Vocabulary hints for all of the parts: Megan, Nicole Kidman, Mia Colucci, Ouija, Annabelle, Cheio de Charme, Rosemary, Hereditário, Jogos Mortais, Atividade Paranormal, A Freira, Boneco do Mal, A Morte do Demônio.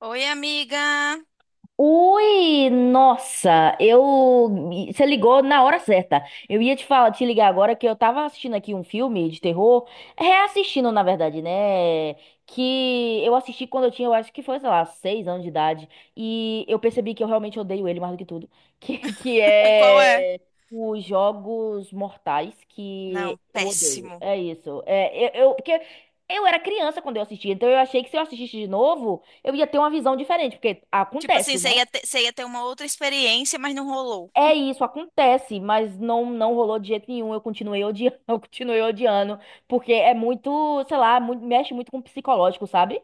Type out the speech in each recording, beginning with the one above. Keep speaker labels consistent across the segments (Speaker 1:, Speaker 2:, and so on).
Speaker 1: Oi, amiga.
Speaker 2: Ui, nossa, eu você ligou na hora certa. Eu ia te ligar agora que eu tava assistindo aqui um filme de terror, reassistindo na verdade, né? Que eu assisti quando eu tinha, eu acho que foi, sei lá, 6 anos de idade, e eu percebi que eu realmente odeio ele mais do que tudo, que
Speaker 1: Qual é?
Speaker 2: é os Jogos Mortais que
Speaker 1: Não,
Speaker 2: eu odeio.
Speaker 1: péssimo.
Speaker 2: É isso. É, eu porque eu era criança quando eu assisti, então eu achei que se eu assistisse de novo, eu ia ter uma visão diferente, porque
Speaker 1: Tipo assim,
Speaker 2: acontece,
Speaker 1: você
Speaker 2: né?
Speaker 1: ia ter, você ia ter uma outra experiência, mas não rolou.
Speaker 2: É isso, acontece, mas não rolou de jeito nenhum. Eu continuei odiando, eu continuei odiando, porque é muito, sei lá, mexe muito com o psicológico, sabe?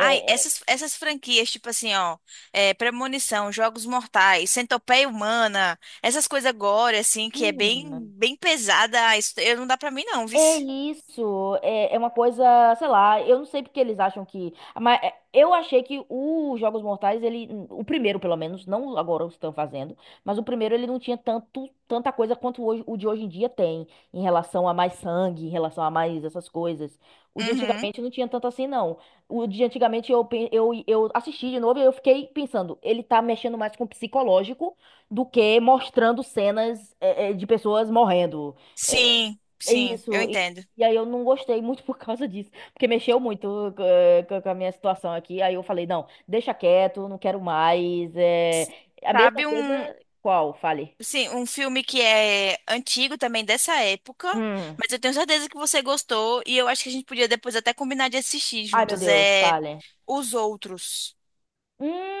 Speaker 1: Ai, essas franquias, tipo assim, ó, é, Premonição, Jogos Mortais, Centopeia Humana, essas coisas agora, assim, que é bem,
Speaker 2: hum.
Speaker 1: bem pesada, ah, não dá pra mim não,
Speaker 2: É
Speaker 1: vice.
Speaker 2: isso, é uma coisa, sei lá, eu não sei porque eles acham que, mas é, eu achei que os Jogos Mortais, ele, o primeiro pelo menos, não agora os estão fazendo, mas o primeiro ele não tinha tanta coisa quanto hoje, o de hoje em dia tem, em relação a mais sangue, em relação a mais essas coisas. O de
Speaker 1: Uhum.
Speaker 2: antigamente não tinha tanto assim, não. O de antigamente eu assisti de novo e eu fiquei pensando, ele tá mexendo mais com o psicológico do que mostrando cenas, de pessoas morrendo. É,
Speaker 1: Sim,
Speaker 2: é
Speaker 1: sim, eu
Speaker 2: isso. E,
Speaker 1: entendo.
Speaker 2: e aí eu não gostei muito por causa disso, porque mexeu muito com a minha situação aqui. Aí eu falei, não, deixa quieto, não quero mais. É. A mesma
Speaker 1: Sabe
Speaker 2: coisa,
Speaker 1: um,
Speaker 2: qual? Fale.
Speaker 1: sim, um filme que é antigo também dessa época,
Speaker 2: Hum.
Speaker 1: mas eu tenho certeza que você gostou e eu acho que a gente podia depois até combinar de assistir
Speaker 2: Ai, meu
Speaker 1: juntos.
Speaker 2: Deus,
Speaker 1: É
Speaker 2: fale.
Speaker 1: Os Outros.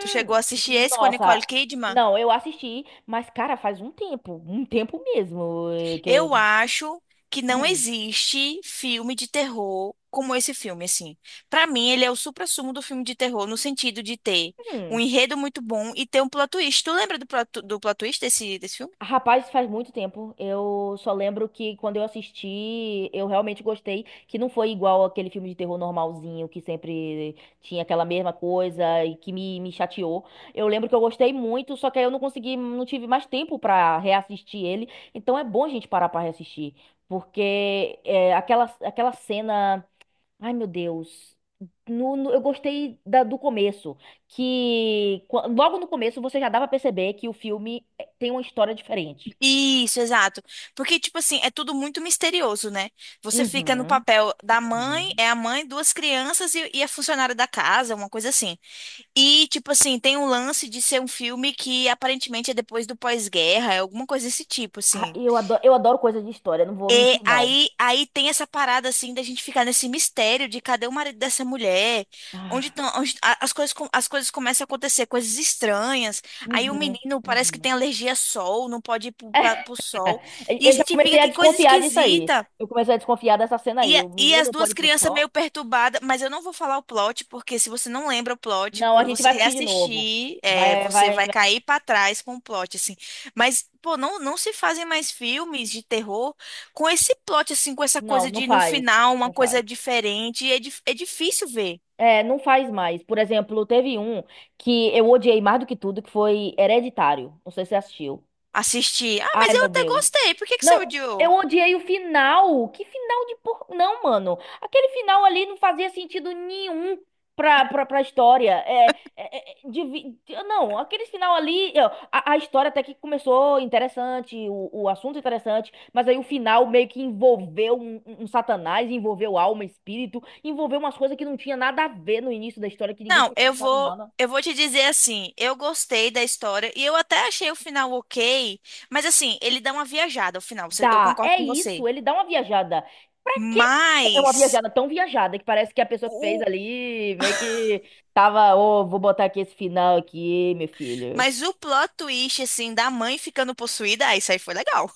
Speaker 1: Tu chegou a assistir esse com a Nicole
Speaker 2: nossa.
Speaker 1: Kidman?
Speaker 2: Não, eu assisti, mas, cara, faz um tempo mesmo que eu.
Speaker 1: Eu acho que não
Speaker 2: Hum.
Speaker 1: existe filme de terror como esse filme, assim. Pra mim, ele é o suprassumo do filme de terror no sentido de ter um
Speaker 2: Hum.
Speaker 1: enredo muito bom e ter um plot twist. Tu lembra do plot twist desse, desse filme?
Speaker 2: Rapaz, faz muito tempo. Eu só lembro que quando eu assisti, eu realmente gostei, que não foi igual aquele filme de terror normalzinho, que sempre tinha aquela mesma coisa e que me chateou. Eu lembro que eu gostei muito, só que aí eu não consegui, não tive mais tempo pra reassistir ele. Então é bom a gente parar pra reassistir, porque é, aquela cena. Ai, meu Deus. Eu gostei do começo, que logo no começo você já dava pra perceber que o filme tem uma história diferente.
Speaker 1: Isso, exato. Porque, tipo assim, é tudo muito misterioso, né? Você fica no
Speaker 2: Uhum,
Speaker 1: papel da mãe,
Speaker 2: uhum.
Speaker 1: é a mãe, duas crianças e a funcionária da casa, uma coisa assim. E, tipo assim, tem um lance de ser um filme que aparentemente é depois do pós-guerra, é alguma coisa desse tipo,
Speaker 2: Ah,
Speaker 1: assim.
Speaker 2: eu adoro coisa de história, não vou
Speaker 1: E
Speaker 2: mentir, não.
Speaker 1: aí, aí tem essa parada assim da gente ficar nesse mistério de cadê o marido dessa mulher? Onde
Speaker 2: Ah,
Speaker 1: estão as coisas, as coisas começam a acontecer, coisas estranhas. Aí o
Speaker 2: uhum,
Speaker 1: menino parece que
Speaker 2: uhum.
Speaker 1: tem alergia a sol, não pode ir pro sol.
Speaker 2: Eu
Speaker 1: E a
Speaker 2: eu já
Speaker 1: gente fica
Speaker 2: comecei a
Speaker 1: que coisa
Speaker 2: desconfiar disso aí.
Speaker 1: esquisita.
Speaker 2: Eu comecei a desconfiar dessa cena
Speaker 1: E,
Speaker 2: aí. O
Speaker 1: e
Speaker 2: menino
Speaker 1: as
Speaker 2: não
Speaker 1: duas
Speaker 2: pode ir pro
Speaker 1: crianças meio
Speaker 2: sol?
Speaker 1: perturbadas, mas eu não vou falar o plot, porque se você não lembra o plot,
Speaker 2: Não, a
Speaker 1: quando
Speaker 2: gente
Speaker 1: você
Speaker 2: vai assistir de novo.
Speaker 1: reassistir, é,
Speaker 2: Vai,
Speaker 1: você
Speaker 2: vai, a gente
Speaker 1: vai
Speaker 2: vai.
Speaker 1: cair pra trás com o plot, assim. Mas, pô, não se fazem mais filmes de terror com esse plot, assim, com essa
Speaker 2: Não,
Speaker 1: coisa
Speaker 2: não
Speaker 1: de no
Speaker 2: faz.
Speaker 1: final uma
Speaker 2: Não
Speaker 1: coisa
Speaker 2: faz.
Speaker 1: diferente. É, é difícil ver,
Speaker 2: É, não faz mais. Por exemplo, teve um que eu odiei mais do que tudo, que foi Hereditário. Não sei se você assistiu.
Speaker 1: assistir. Ah, mas
Speaker 2: Ai,
Speaker 1: eu
Speaker 2: meu
Speaker 1: até
Speaker 2: Deus.
Speaker 1: gostei, por que que você
Speaker 2: Não, eu
Speaker 1: odiou?
Speaker 2: odiei o final. Que final de por. Não, mano. Aquele final ali não fazia sentido nenhum pra história. É, é, devi- Não, aquele final ali. Ó, a história até que começou interessante, o assunto interessante, mas aí o final meio que envolveu um satanás, envolveu alma, espírito, envolveu umas coisas que não tinha nada a ver no início da história, que ninguém
Speaker 1: Não,
Speaker 2: tinha
Speaker 1: eu
Speaker 2: pensado
Speaker 1: vou,
Speaker 2: nada.
Speaker 1: eu vou te dizer assim, eu gostei da história e eu até achei o final ok, mas assim, ele dá uma viajada ao final, eu
Speaker 2: Dá,
Speaker 1: concordo
Speaker 2: é
Speaker 1: com você.
Speaker 2: isso, ele dá uma viajada. Pra quê? É uma
Speaker 1: Mas
Speaker 2: viajada tão viajada que parece que a pessoa que fez
Speaker 1: o,
Speaker 2: ali meio que tava, ô, vou botar aqui esse final aqui, meu filho.
Speaker 1: mas o plot twist assim da mãe ficando possuída, ah, isso aí foi legal.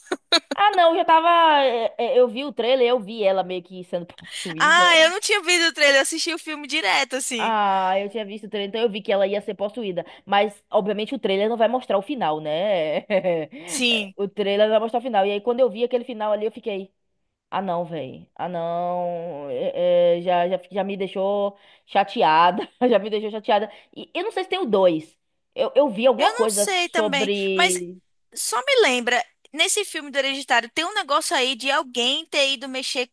Speaker 2: Ah, não, já tava. Eu vi o trailer, eu vi ela meio que sendo possuída.
Speaker 1: Ah, eu não tinha visto o trailer, eu assisti o filme direto assim.
Speaker 2: Ah, eu tinha visto o trailer, então eu vi que ela ia ser possuída. Mas, obviamente, o trailer não vai mostrar o final, né?
Speaker 1: Sim.
Speaker 2: O trailer não vai mostrar o final. E aí, quando eu vi aquele final ali, eu fiquei. Ah, não, velho. Ah, não. Já me deixou chateada. Já me deixou chateada. E eu não sei se tem o dois. Eu vi alguma
Speaker 1: Eu não
Speaker 2: coisa
Speaker 1: sei também, mas
Speaker 2: sobre.
Speaker 1: só me lembra, nesse filme do Hereditário, tem um negócio aí de alguém ter ido mexer,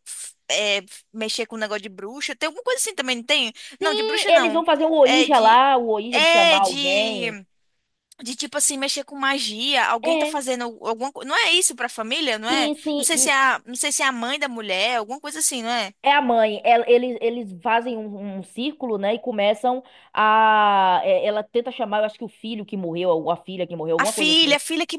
Speaker 1: é, mexer com um negócio de bruxa. Tem alguma coisa assim também, não tem? Não, de
Speaker 2: E
Speaker 1: bruxa
Speaker 2: eles vão
Speaker 1: não.
Speaker 2: fazer o
Speaker 1: É
Speaker 2: Ouija
Speaker 1: de.
Speaker 2: lá, o Ouija de
Speaker 1: É
Speaker 2: chamar alguém.
Speaker 1: de tipo assim, mexer com magia. Alguém tá
Speaker 2: É,
Speaker 1: fazendo alguma coisa. Não é isso pra família, não é?
Speaker 2: sim,
Speaker 1: Não
Speaker 2: sim.
Speaker 1: sei se é
Speaker 2: E
Speaker 1: a, não sei se é a mãe da mulher, alguma coisa assim, não é?
Speaker 2: é a mãe. Eles fazem um círculo, né? E ela tenta chamar, eu acho que o filho que morreu, ou a filha que morreu, alguma coisa assim.
Speaker 1: A filha que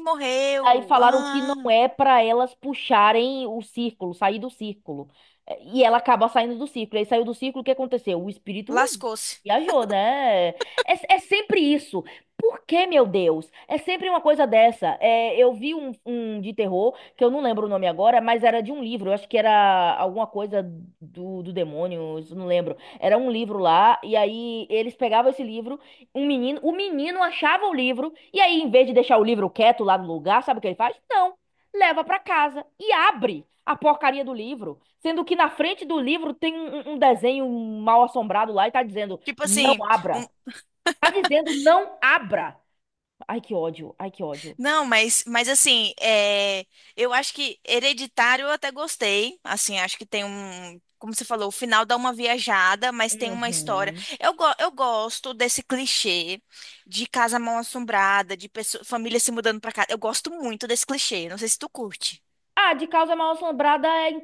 Speaker 2: Aí
Speaker 1: morreu.
Speaker 2: falaram que não
Speaker 1: Ah,
Speaker 2: é pra elas puxarem o círculo, sair do círculo. E ela acaba saindo do círculo. Aí saiu do círculo, o que aconteceu? O espírito
Speaker 1: lascou-se.
Speaker 2: viajou, né? É, é sempre isso. Por que, meu Deus? É sempre uma coisa dessa. É, eu vi um de terror, que eu não lembro o nome agora, mas era de um livro. Eu acho que era alguma coisa do demônio, isso eu não lembro. Era um livro lá, e aí eles pegavam esse livro. Um menino, o menino achava o livro e aí, em vez de deixar o livro quieto lá no lugar, sabe o que ele faz? Não. Leva pra casa e abre a porcaria do livro, sendo que na frente do livro tem um desenho mal assombrado lá e tá dizendo:
Speaker 1: Tipo
Speaker 2: "Não
Speaker 1: assim, um,
Speaker 2: abra". Tá dizendo: "Não abra". Ai, que ódio. Ai, que ódio.
Speaker 1: não, mas assim, é, eu acho que Hereditário eu até gostei. Assim, acho que tem um. Como você falou, o final dá uma viajada, mas tem uma história.
Speaker 2: Uhum.
Speaker 1: Eu, eu gosto desse clichê de casa mal-assombrada, de pessoa, família se mudando pra casa. Eu gosto muito desse clichê. Não sei se tu curte.
Speaker 2: Ah, de causa mal assombrada é,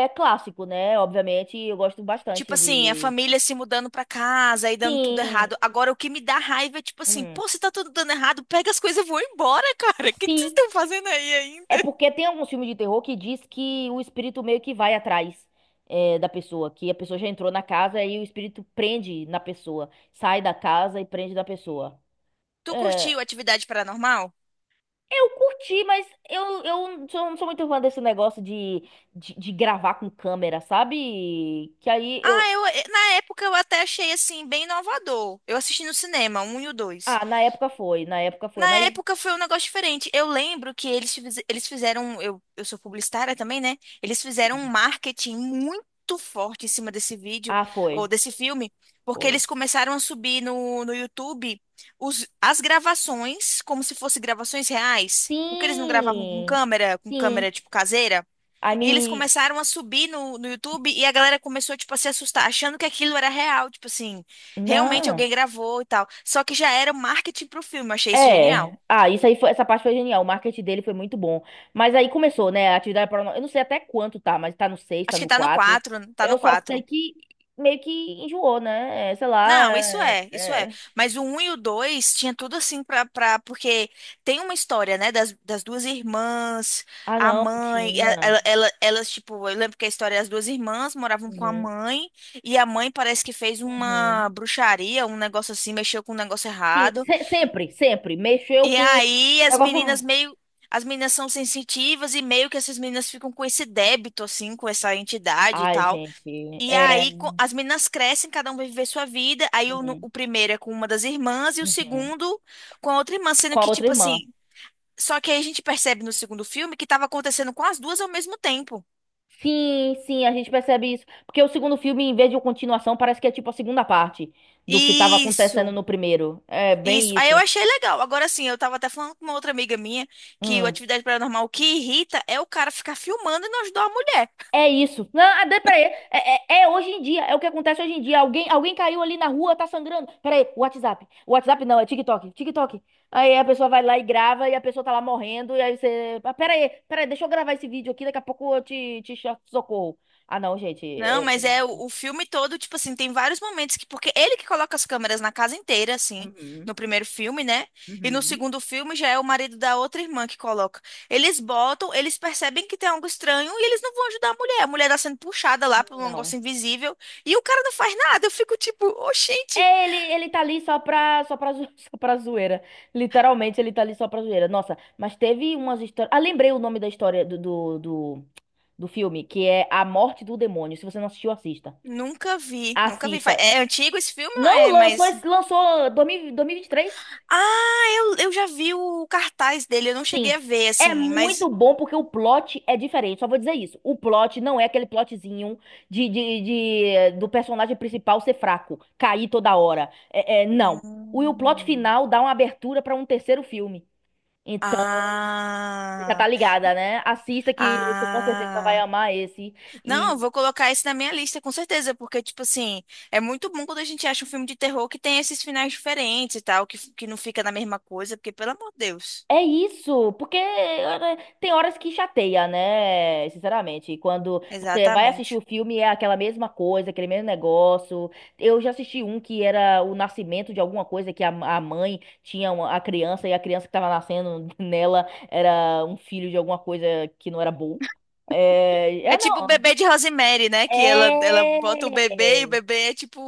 Speaker 2: é, é clássico, né? Obviamente, eu gosto
Speaker 1: Tipo
Speaker 2: bastante
Speaker 1: assim, a
Speaker 2: de.
Speaker 1: família se mudando pra casa e dando tudo
Speaker 2: Sim.
Speaker 1: errado. Agora, o que me dá raiva é tipo assim,
Speaker 2: Hum.
Speaker 1: pô, se tá tudo dando errado, pega as coisas e vou embora, cara. O que que vocês
Speaker 2: Sim.
Speaker 1: estão fazendo aí
Speaker 2: É
Speaker 1: ainda?
Speaker 2: porque tem alguns filmes de terror que diz que o espírito meio que vai atrás da pessoa, que a pessoa já entrou na casa e o espírito prende na pessoa, sai da casa e prende da pessoa.
Speaker 1: Tu
Speaker 2: É,
Speaker 1: curtiu Atividade Paranormal?
Speaker 2: eu curti, mas eu não sou muito fã desse negócio de gravar com câmera, sabe? Que aí eu.
Speaker 1: Ah, na época eu até achei assim bem inovador. Eu assisti no cinema, um e o dois.
Speaker 2: Ah, na época foi,
Speaker 1: Na
Speaker 2: mas.
Speaker 1: época foi um negócio diferente. Eu lembro que eles fizeram, eu sou publicitária também, né? Eles fizeram um marketing muito forte em cima desse vídeo
Speaker 2: Ah,
Speaker 1: ou
Speaker 2: foi,
Speaker 1: desse filme, porque
Speaker 2: foi.
Speaker 1: eles começaram a subir no YouTube as gravações como se fossem gravações reais. Porque eles não gravavam
Speaker 2: Sim,
Speaker 1: com
Speaker 2: sim.
Speaker 1: câmera tipo caseira.
Speaker 2: Aí
Speaker 1: E eles
Speaker 2: me.
Speaker 1: começaram a subir no YouTube e a galera começou, tipo, a se assustar, achando que aquilo era real, tipo assim, realmente alguém
Speaker 2: Não.
Speaker 1: gravou e tal. Só que já era marketing pro filme, eu achei isso genial.
Speaker 2: É. Ah, isso aí foi, essa parte foi genial. O marketing dele foi muito bom. Mas aí começou, né? A atividade paranormal. Eu não sei até quanto tá, mas tá no 6, tá
Speaker 1: Acho que
Speaker 2: no
Speaker 1: tá no
Speaker 2: 4.
Speaker 1: quatro, tá no
Speaker 2: Eu só sei
Speaker 1: quatro
Speaker 2: que meio que enjoou, né? É, sei lá.
Speaker 1: Não, isso é, isso é. Mas o um e o 2 tinha tudo assim pra... Porque tem uma história, né, das duas irmãs,
Speaker 2: Ah,
Speaker 1: a
Speaker 2: não,
Speaker 1: mãe,
Speaker 2: tinha.
Speaker 1: elas, tipo, eu lembro que a história é as duas irmãs moravam com a
Speaker 2: Uhum,
Speaker 1: mãe e a mãe parece que fez uma
Speaker 2: uhum.
Speaker 1: bruxaria, um negócio assim, mexeu com um negócio
Speaker 2: Sim,
Speaker 1: errado.
Speaker 2: sempre, sempre. Mexeu
Speaker 1: E
Speaker 2: com
Speaker 1: aí as meninas
Speaker 2: negócio.
Speaker 1: meio. As meninas são sensitivas e meio que essas meninas ficam com esse débito, assim, com essa entidade e
Speaker 2: Ai,
Speaker 1: tal.
Speaker 2: gente.
Speaker 1: E
Speaker 2: É.
Speaker 1: aí as meninas crescem, cada um vai viver sua vida. Aí o, no-
Speaker 2: Uhum,
Speaker 1: o primeiro é com uma das irmãs e o
Speaker 2: uhum.
Speaker 1: segundo com a outra irmã,
Speaker 2: Com
Speaker 1: sendo
Speaker 2: a
Speaker 1: que,
Speaker 2: outra
Speaker 1: tipo
Speaker 2: irmã.
Speaker 1: assim. Só que aí a gente percebe no segundo filme que estava acontecendo com as duas ao mesmo tempo.
Speaker 2: Sim, sim, a gente percebe isso. Porque o segundo filme, em vez de uma continuação, parece que é tipo a segunda parte do que estava acontecendo
Speaker 1: Isso,
Speaker 2: no primeiro. É
Speaker 1: isso.
Speaker 2: bem
Speaker 1: Aí
Speaker 2: isso.
Speaker 1: eu achei legal. Agora sim, eu tava até falando com uma outra amiga minha que o
Speaker 2: Hum.
Speaker 1: Atividade Paranormal o que irrita é o cara ficar filmando e não ajudar a mulher.
Speaker 2: É isso. Não, ah, peraí. É hoje em dia. É o que acontece hoje em dia. Alguém caiu ali na rua, tá sangrando. Peraí, WhatsApp. WhatsApp não, é TikTok. TikTok. Aí a pessoa vai lá e grava e a pessoa tá lá morrendo. E aí você. Ah, peraí, peraí, deixa eu gravar esse vídeo aqui. Daqui a pouco eu socorro. Ah, não, gente.
Speaker 1: Não, mas é o filme todo, tipo assim, tem vários momentos que, porque ele que coloca as câmeras na casa inteira, assim,
Speaker 2: Uhum,
Speaker 1: no primeiro filme, né? E no
Speaker 2: uhum.
Speaker 1: segundo filme já é o marido da outra irmã que coloca. Eles botam, eles percebem que tem algo estranho e eles não vão ajudar a mulher. A mulher tá sendo puxada lá por um negócio
Speaker 2: Não.
Speaker 1: invisível e o cara não faz nada. Eu fico tipo, oxente,
Speaker 2: É, ele tá ali só pra zoeira. Literalmente, ele tá ali só pra zoeira. Nossa, mas teve umas histórias. Ah, lembrei o nome da história do filme, que é A Morte do Demônio. Se você não assistiu, assista.
Speaker 1: nunca vi, nunca vi.
Speaker 2: Assista.
Speaker 1: É antigo esse filme ou
Speaker 2: Não,
Speaker 1: é
Speaker 2: lançou,
Speaker 1: mais.
Speaker 2: lançou 2023.
Speaker 1: Ah, eu já vi o cartaz dele, eu não cheguei
Speaker 2: Sim.
Speaker 1: a ver,
Speaker 2: É
Speaker 1: assim, mas.
Speaker 2: muito bom porque o plot é diferente. Só vou dizer isso. O plot não é aquele plotzinho de, de, do personagem principal ser fraco, cair toda hora. É, é, não. E o plot
Speaker 1: Hum.
Speaker 2: final dá uma abertura para um terceiro filme. Então, já
Speaker 1: Ah,
Speaker 2: tá ligada, né? Assista que você com certeza vai
Speaker 1: ah.
Speaker 2: amar esse.
Speaker 1: Não, eu vou colocar esse na minha lista, com certeza, porque, tipo assim, é muito bom quando a gente acha um filme de terror que tem esses finais diferentes e tal, que não fica na mesma coisa, porque, pelo amor de Deus.
Speaker 2: É isso, porque tem horas que chateia, né? Sinceramente, e quando você vai assistir
Speaker 1: Exatamente.
Speaker 2: o filme é aquela mesma coisa, aquele mesmo negócio. Eu já assisti um que era o nascimento de alguma coisa que a mãe tinha a criança e a criança que tava nascendo nela era um filho de alguma coisa que não era bom. É,
Speaker 1: É
Speaker 2: ah,
Speaker 1: tipo o
Speaker 2: não.
Speaker 1: bebê de Rosemary, né? Que ela bota o bebê e o
Speaker 2: É.
Speaker 1: bebê é tipo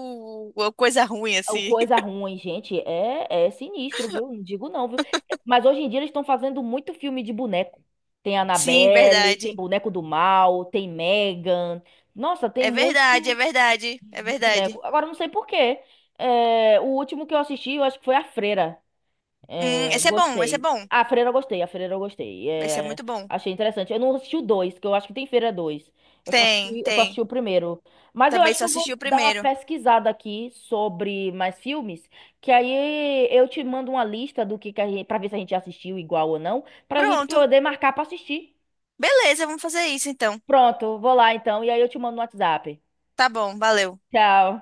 Speaker 1: uma coisa ruim,
Speaker 2: O
Speaker 1: assim.
Speaker 2: coisa ruim, gente, é sinistro, viu? Não digo não, viu? Mas hoje em dia eles estão fazendo muito filme de boneco. Tem
Speaker 1: Sim,
Speaker 2: Annabelle, tem
Speaker 1: verdade.
Speaker 2: Boneco do Mal, tem Megan. Nossa, tem muito
Speaker 1: É
Speaker 2: de
Speaker 1: verdade.
Speaker 2: boneco. Agora, eu não sei por quê. É, o último que eu assisti, eu acho que foi A Freira. É,
Speaker 1: Esse é
Speaker 2: gostei.
Speaker 1: bom.
Speaker 2: Ah, A Freira eu gostei, a Freira eu gostei.
Speaker 1: Esse é
Speaker 2: É,
Speaker 1: muito bom.
Speaker 2: achei interessante. Eu não assisti o dois, que eu acho que tem Freira dois. Eu só
Speaker 1: Tem,
Speaker 2: assisti, eu só
Speaker 1: tem.
Speaker 2: assisti o primeiro. Mas eu
Speaker 1: Também
Speaker 2: acho
Speaker 1: só
Speaker 2: que eu
Speaker 1: assisti
Speaker 2: vou
Speaker 1: o
Speaker 2: dar uma
Speaker 1: primeiro.
Speaker 2: pesquisada aqui sobre mais filmes, que aí eu te mando uma lista do que a gente, pra ver se a gente assistiu igual ou não, pra gente
Speaker 1: Pronto.
Speaker 2: poder marcar pra assistir.
Speaker 1: Beleza, vamos fazer isso então.
Speaker 2: Pronto, vou lá então, e aí eu te mando no WhatsApp.
Speaker 1: Tá bom, valeu.
Speaker 2: Tchau.